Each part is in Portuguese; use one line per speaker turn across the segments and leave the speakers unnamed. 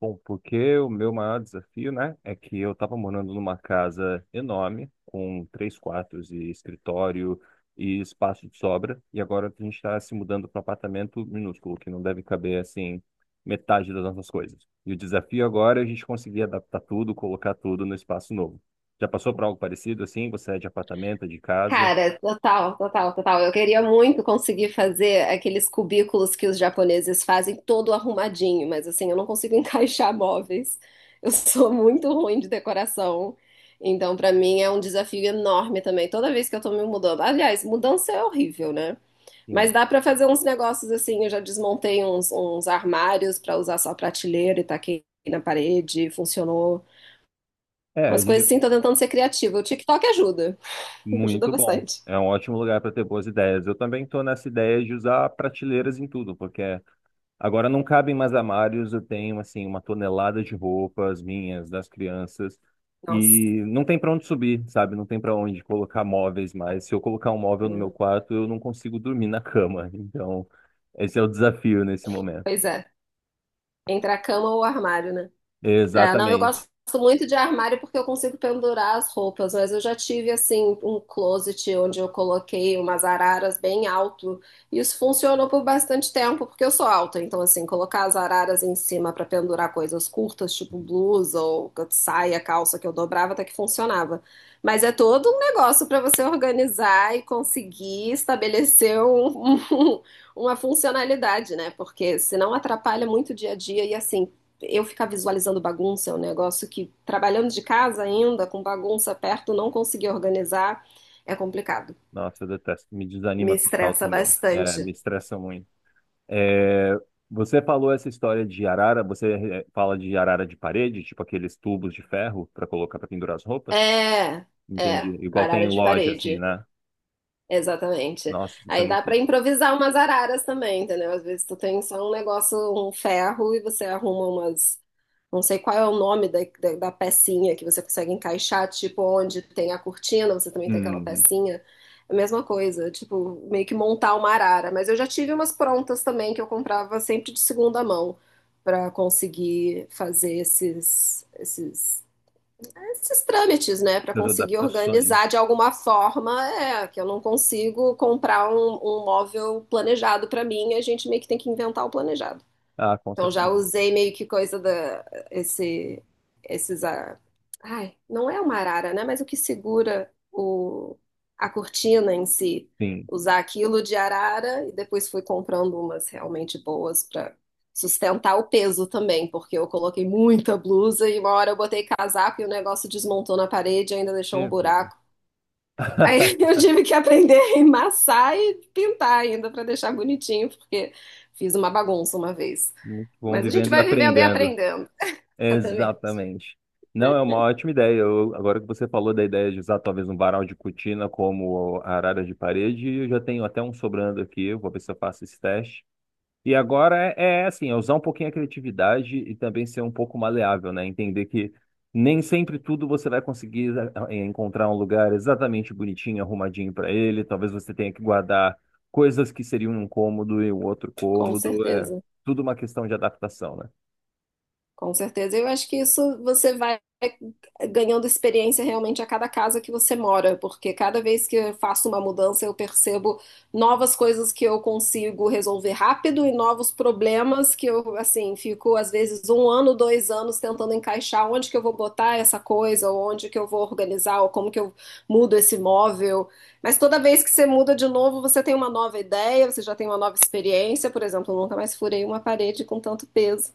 Bom, porque o meu maior desafio, né, é que eu estava morando numa casa enorme, com três quartos e escritório e espaço de sobra, e agora a gente está se mudando para um apartamento minúsculo, que não deve caber, assim, metade das nossas coisas. E o desafio agora é a gente conseguir adaptar tudo, colocar tudo no espaço novo. Já passou por algo parecido, assim? Você é de apartamento, é de casa?
Cara, total, total, total. Eu queria muito conseguir fazer aqueles cubículos que os japoneses fazem todo arrumadinho, mas assim, eu não consigo encaixar móveis. Eu sou muito ruim de decoração. Então, pra mim é um desafio enorme também. Toda vez que eu tô me mudando. Aliás, mudança é horrível, né? Mas
Sim.
dá pra fazer uns negócios assim. Eu já desmontei uns armários pra usar só prateleira e taquei na parede, funcionou.
É,
Umas coisas assim, tô tentando ser criativa. O TikTok ajuda, ajuda
muito bom.
bastante.
É um ótimo lugar para ter boas ideias. Eu também estou nessa ideia de usar prateleiras em tudo, porque agora não cabem mais armários. Eu tenho assim uma tonelada de roupas minhas, das crianças,
Nossa.
e não tem pra onde subir, sabe? Não tem para onde colocar móveis mais. Se eu colocar um móvel no meu
Né?
quarto, eu não consigo dormir na cama. Então, esse é o desafio nesse momento.
Pois é. Entre a cama ou o armário, né? É, não, eu
Exatamente.
gosto muito de armário porque eu consigo pendurar as roupas, mas eu já tive assim um closet onde eu coloquei umas araras bem alto. E isso funcionou por bastante tempo, porque eu sou alta, então assim, colocar as araras em cima para pendurar coisas curtas, tipo blusa ou saia, calça que eu dobrava, até que funcionava. Mas é todo um negócio para você organizar e conseguir estabelecer uma funcionalidade, né? Porque senão atrapalha muito o dia a dia e assim, eu ficar visualizando bagunça é um negócio que, trabalhando de casa ainda, com bagunça perto, não conseguir organizar, é complicado.
Nossa, eu detesto. Me
Me
desanima total
estressa
também. É, me
bastante.
estressa muito. É, você falou essa história de arara, você fala de arara de parede, tipo aqueles tubos de ferro para colocar para pendurar as roupas?
É,
Entendi.
é,
Igual tem em
arara de
loja, assim,
parede.
né?
Exatamente.
Nossa, isso é
Aí dá
muito.
pra improvisar umas araras também, entendeu? Às vezes tu tem só um negócio, um ferro, e você arruma umas. Não sei qual é o nome da pecinha que você consegue encaixar, tipo, onde tem a cortina, você também tem aquela
Hum,
pecinha. É a mesma coisa, tipo, meio que montar uma arara. Mas eu já tive umas prontas também que eu comprava sempre de segunda mão pra conseguir fazer esses trâmites, né, para
as
conseguir organizar
adaptações.
de alguma forma, é, que eu não consigo comprar um móvel planejado para mim, a gente meio que tem que inventar o planejado.
Ah, com
Então já
certeza.
usei meio que coisa da esse esses não é uma arara, né, mas o que segura o a cortina em si,
Sim.
usar aquilo de arara e depois fui comprando umas realmente boas para sustentar o peso também, porque eu coloquei muita blusa e uma hora eu botei casaco e o negócio desmontou na parede e ainda deixou um
Meu Deus.
buraco. Aí eu tive que aprender a emassar e pintar ainda para deixar bonitinho, porque fiz uma bagunça uma vez.
Muito bom,
Mas a gente
vivendo e
vai vivendo e
aprendendo.
aprendendo. Exatamente.
Exatamente. Não, é uma ótima ideia. Agora que você falou da ideia de usar talvez um varal de cortina como a arara de parede, eu já tenho até um sobrando aqui. Eu vou ver se eu faço esse teste. E agora é, é assim, é usar um pouquinho a criatividade e também ser um pouco maleável, né? Entender que nem sempre tudo você vai conseguir encontrar um lugar exatamente bonitinho, arrumadinho para ele. Talvez você tenha que guardar coisas que seriam um cômodo e um outro
Com
cômodo. É
certeza.
tudo uma questão de adaptação, né?
Com certeza. Eu acho que isso você vai ganhando experiência realmente a cada casa que você mora, porque cada vez que eu faço uma mudança, eu percebo novas coisas que eu consigo resolver rápido e novos problemas que eu, assim, fico às vezes um ano, dois anos tentando encaixar onde que eu vou botar essa coisa, ou onde que eu vou organizar, ou como que eu mudo esse móvel. Mas toda vez que você muda de novo, você tem uma nova ideia, você já tem uma nova experiência. Por exemplo, eu nunca mais furei uma parede com tanto peso.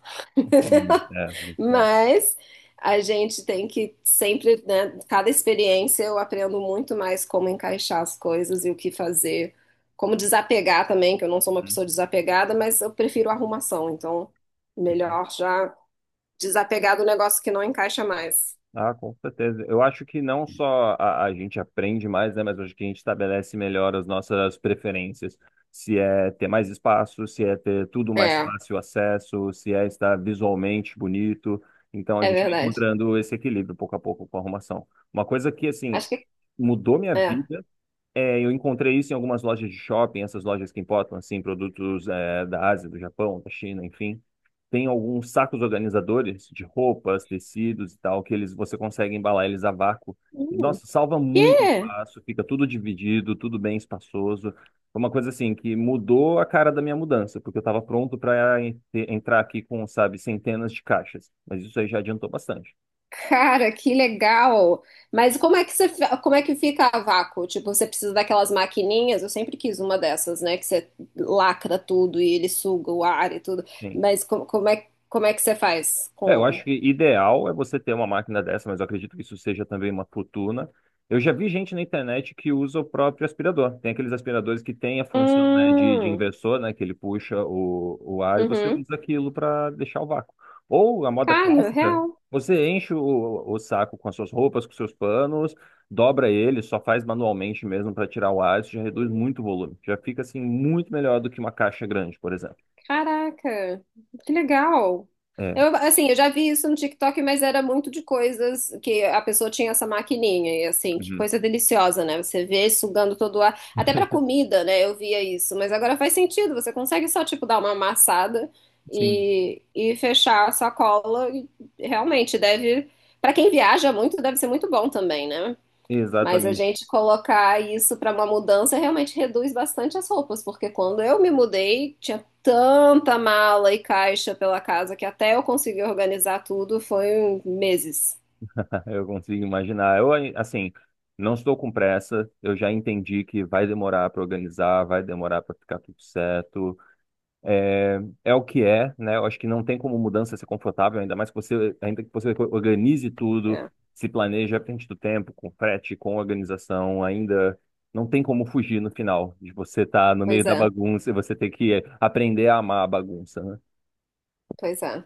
É, muito bom.
Mas a gente tem que sempre, né, cada experiência eu aprendo muito mais como encaixar as coisas e o que fazer, como desapegar também, que eu não sou uma pessoa desapegada, mas eu prefiro arrumação, então
Hum.
melhor já desapegar do negócio que não encaixa mais.
Ah, com certeza. Eu acho que não só a gente aprende mais, né, mas acho que a gente estabelece melhor as nossas preferências. Se é ter mais espaço, se é ter tudo mais
É,
fácil acesso, se é estar visualmente bonito. Então a
é
gente vai
verdade.
encontrando esse equilíbrio pouco a pouco com a arrumação. Uma coisa que, assim,
Acho que
mudou minha
é.
vida é eu encontrei isso em algumas lojas de shopping, essas lojas que importam, assim, produtos, da Ásia, do Japão, da China, enfim, tem alguns sacos organizadores de roupas, tecidos e tal, que eles você consegue embalar eles a vácuo. E,
Hum,
nossa, salva muito
quê?
espaço, fica tudo dividido, tudo bem espaçoso. Foi uma coisa assim que mudou a cara da minha mudança, porque eu estava pronto para entrar aqui com, sabe, centenas de caixas. Mas isso aí já adiantou bastante.
Cara, que legal! Mas como é que você, como é que fica a vácuo? Tipo, você precisa daquelas maquininhas? Eu sempre quis uma dessas, né? Que você lacra tudo e ele suga o ar e tudo.
Sim.
Mas como é que você faz
É, eu
com...
acho que ideal é você ter uma máquina dessa, mas eu acredito que isso seja também uma fortuna. Eu já vi gente na internet que usa o próprio aspirador. Tem aqueles aspiradores que têm a função, né, de
Hum,
inversor, né, que ele puxa o ar e você
uhum.
usa aquilo para deixar o vácuo. Ou a moda
Cara,
clássica,
real.
você enche o saco com as suas roupas, com seus panos, dobra ele, só faz manualmente mesmo para tirar o ar, isso já reduz muito o volume. Já fica assim muito melhor do que uma caixa grande, por exemplo.
Caraca, que legal.
É.
Eu, assim, eu já vi isso no TikTok, mas era muito de coisas que a pessoa tinha essa maquininha e assim, que
Uhum.
coisa deliciosa, né? Você vê sugando todo o ar, até pra comida, né? Eu via isso, mas agora faz sentido, você consegue só tipo dar uma amassada
Sim,
e fechar a sacola e realmente deve, pra quem viaja muito, deve ser muito bom também, né? Mas a
exatamente.
gente colocar isso para uma mudança realmente reduz bastante as roupas, porque quando eu me mudei, tinha tanta mala e caixa pela casa que até eu conseguir organizar tudo foi um meses.
Eu consigo imaginar. Eu, assim, não estou com pressa. Eu já entendi que vai demorar para organizar, vai demorar para ficar tudo certo. É, é o que é, né? Eu acho que não tem como mudança ser confortável, ainda mais que você, ainda que você organize tudo,
É.
se planeje à frente do tempo, com frete, com organização, ainda não tem como fugir no final de você estar no meio
Pois
da
é,
bagunça e você ter que aprender a amar a bagunça, né?
pois é.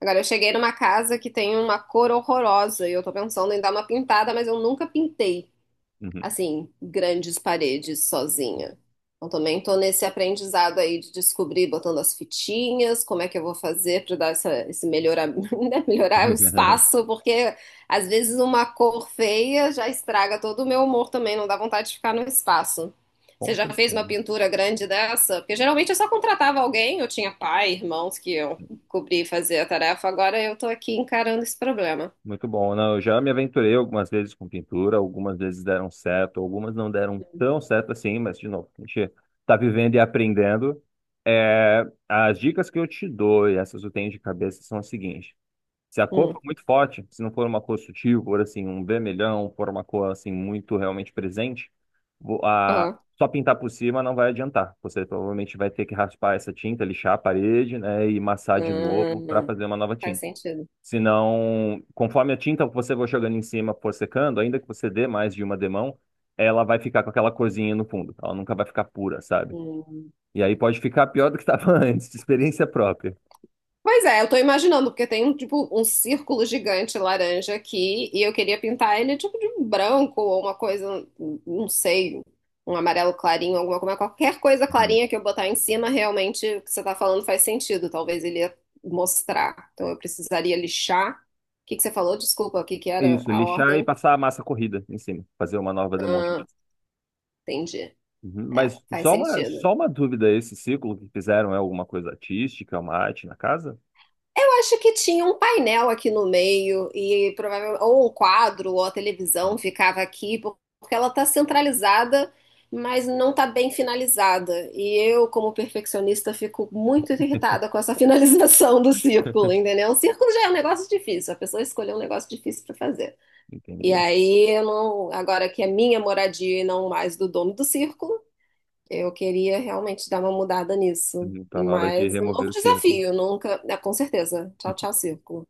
Agora eu cheguei numa casa que tem uma cor horrorosa e eu tô pensando em dar uma pintada, mas eu nunca pintei.
Uhum.
Assim, grandes paredes sozinha. Então também estou nesse aprendizado aí de descobrir, botando as fitinhas, como é que eu vou fazer para dar esse melhorar, né, melhorar o espaço, porque às vezes uma cor feia já estraga todo o meu humor também, não dá vontade de ficar no espaço. Você
Com
já fez
certeza.
uma pintura grande dessa? Porque geralmente eu só contratava alguém, eu tinha pai, irmãos que eu cobrir e fazer a tarefa, agora eu tô aqui encarando esse problema.
Muito bom. Não, eu já me aventurei algumas vezes com pintura, algumas vezes deram certo, algumas não deram tão certo assim, mas de novo, a gente está vivendo e aprendendo. É, as dicas que eu te dou, e essas eu tenho de cabeça, são as seguintes. Se a cor
Hum.
for muito forte, se não for uma cor sutil, for assim, um vermelhão, for uma cor assim muito realmente presente, vo- a-
Ah,
só pintar por cima não vai adiantar. Você provavelmente vai ter que raspar essa tinta, lixar a parede, né, e massar de novo para
hum,
fazer uma nova
faz
tinta.
sentido.
Senão, conforme a tinta que você vai jogando em cima for secando, ainda que você dê mais de uma demão, ela vai ficar com aquela corzinha no fundo. Ela nunca vai ficar pura, sabe?
Hum.
E aí pode ficar pior do que estava antes, de experiência própria.
Pois é, eu tô imaginando, porque tem um tipo um círculo gigante laranja aqui e eu queria pintar ele tipo de branco ou uma coisa, não sei, um amarelo clarinho, alguma coisa, qualquer coisa
Uhum.
clarinha que eu botar em cima, realmente o que você tá falando faz sentido, talvez ele ia mostrar. Então eu precisaria lixar. O que que você falou? Desculpa, o que que era
Isso,
a
lixar e
ordem?
passar a massa corrida em cima, fazer uma nova demão de
Ah,
massa.
entendi.
Uhum.
É,
Mas
faz
só uma,
sentido.
só uma dúvida, esse ciclo que fizeram é alguma coisa artística, uma arte na casa?
Eu acho que tinha um painel aqui no meio e provavelmente ou um quadro ou a televisão ficava aqui porque ela está centralizada, mas não está bem finalizada. E eu, como perfeccionista, fico muito irritada com essa finalização do círculo, entendeu? O círculo já é um negócio difícil, a pessoa escolheu um negócio difícil para fazer. E
Entendi.
aí, eu não, agora que é minha moradia e não mais do dono do círculo, eu queria realmente dar uma mudada nisso.
Uhum. Tá na hora de
Mas é um
remover
novo
o círculo.
desafio, nunca. É, com certeza. Tchau, tchau, círculo.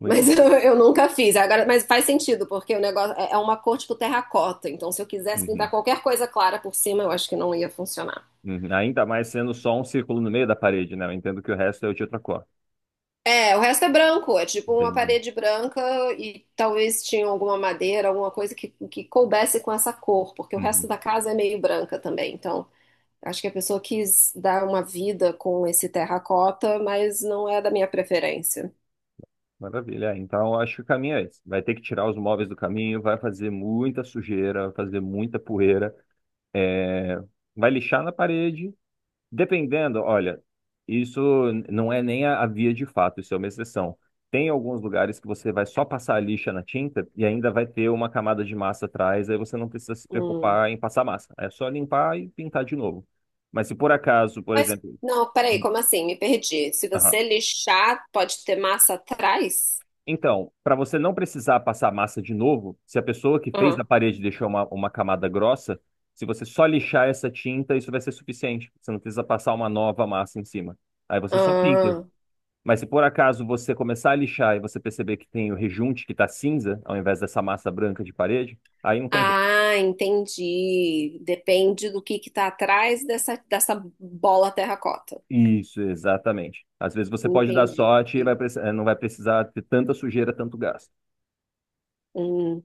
Muito
Mas eu,
bom.
eu nunca fiz. Agora, mas faz sentido, porque o negócio é uma cor tipo terracota. Então, se eu quisesse pintar
Uhum.
qualquer coisa clara por cima, eu acho que não ia funcionar.
Uhum. Ainda mais sendo só um círculo no meio da parede, né? Eu entendo que o resto é de outra cor.
É, o resto é branco. É tipo uma
Entendi.
parede branca e talvez tinha alguma madeira, alguma coisa que coubesse com essa cor, porque o resto
Uhum.
da casa é meio branca também. Então. Acho que a pessoa quis dar uma vida com esse terracota, mas não é da minha preferência.
Maravilha. É, então, eu acho que o caminho é esse. Vai ter que tirar os móveis do caminho, vai fazer muita sujeira, vai fazer muita poeira, é, vai lixar na parede. Dependendo, olha, isso não é nem a via de fato, isso é uma exceção. Tem alguns lugares que você vai só passar a lixa na tinta e ainda vai ter uma camada de massa atrás, aí você não precisa se
Hum.
preocupar em passar massa. É só limpar e pintar de novo. Mas se por acaso, por
Mas,
exemplo.
não, peraí, como assim? Me perdi. Se
Aham.
você lixar, pode ter massa atrás?
Então, para você não precisar passar massa de novo, se a pessoa que fez
Aham.
na parede deixou uma camada grossa, se você só lixar essa tinta, isso vai ser suficiente. Você não precisa passar uma nova massa em cima. Aí você só pinta.
Ah,
Mas se por acaso você começar a lixar e você perceber que tem o rejunte que está cinza, ao invés dessa massa branca de parede, aí não tem jeito.
ah, entendi. Depende do que tá atrás dessa bola terracota.
Isso, exatamente. Às vezes você pode dar
Entendi.
sorte e vai não vai precisar ter tanta sujeira, tanto gasto.
Hum,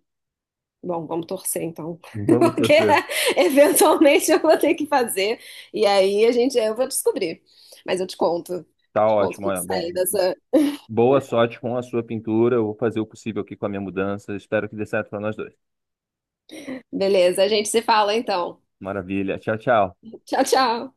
bom, vamos torcer então,
Vamos
porque
torcer.
eventualmente eu vou ter que fazer e aí a gente eu vou descobrir. Mas eu
Tá
te conto o
ótimo,
que que
olha. Bom,
sai dessa.
boa sorte com a sua pintura. Eu vou fazer o possível aqui com a minha mudança. Espero que dê certo para nós dois.
Beleza, a gente se fala então.
Maravilha. Tchau, tchau.
Tchau, tchau.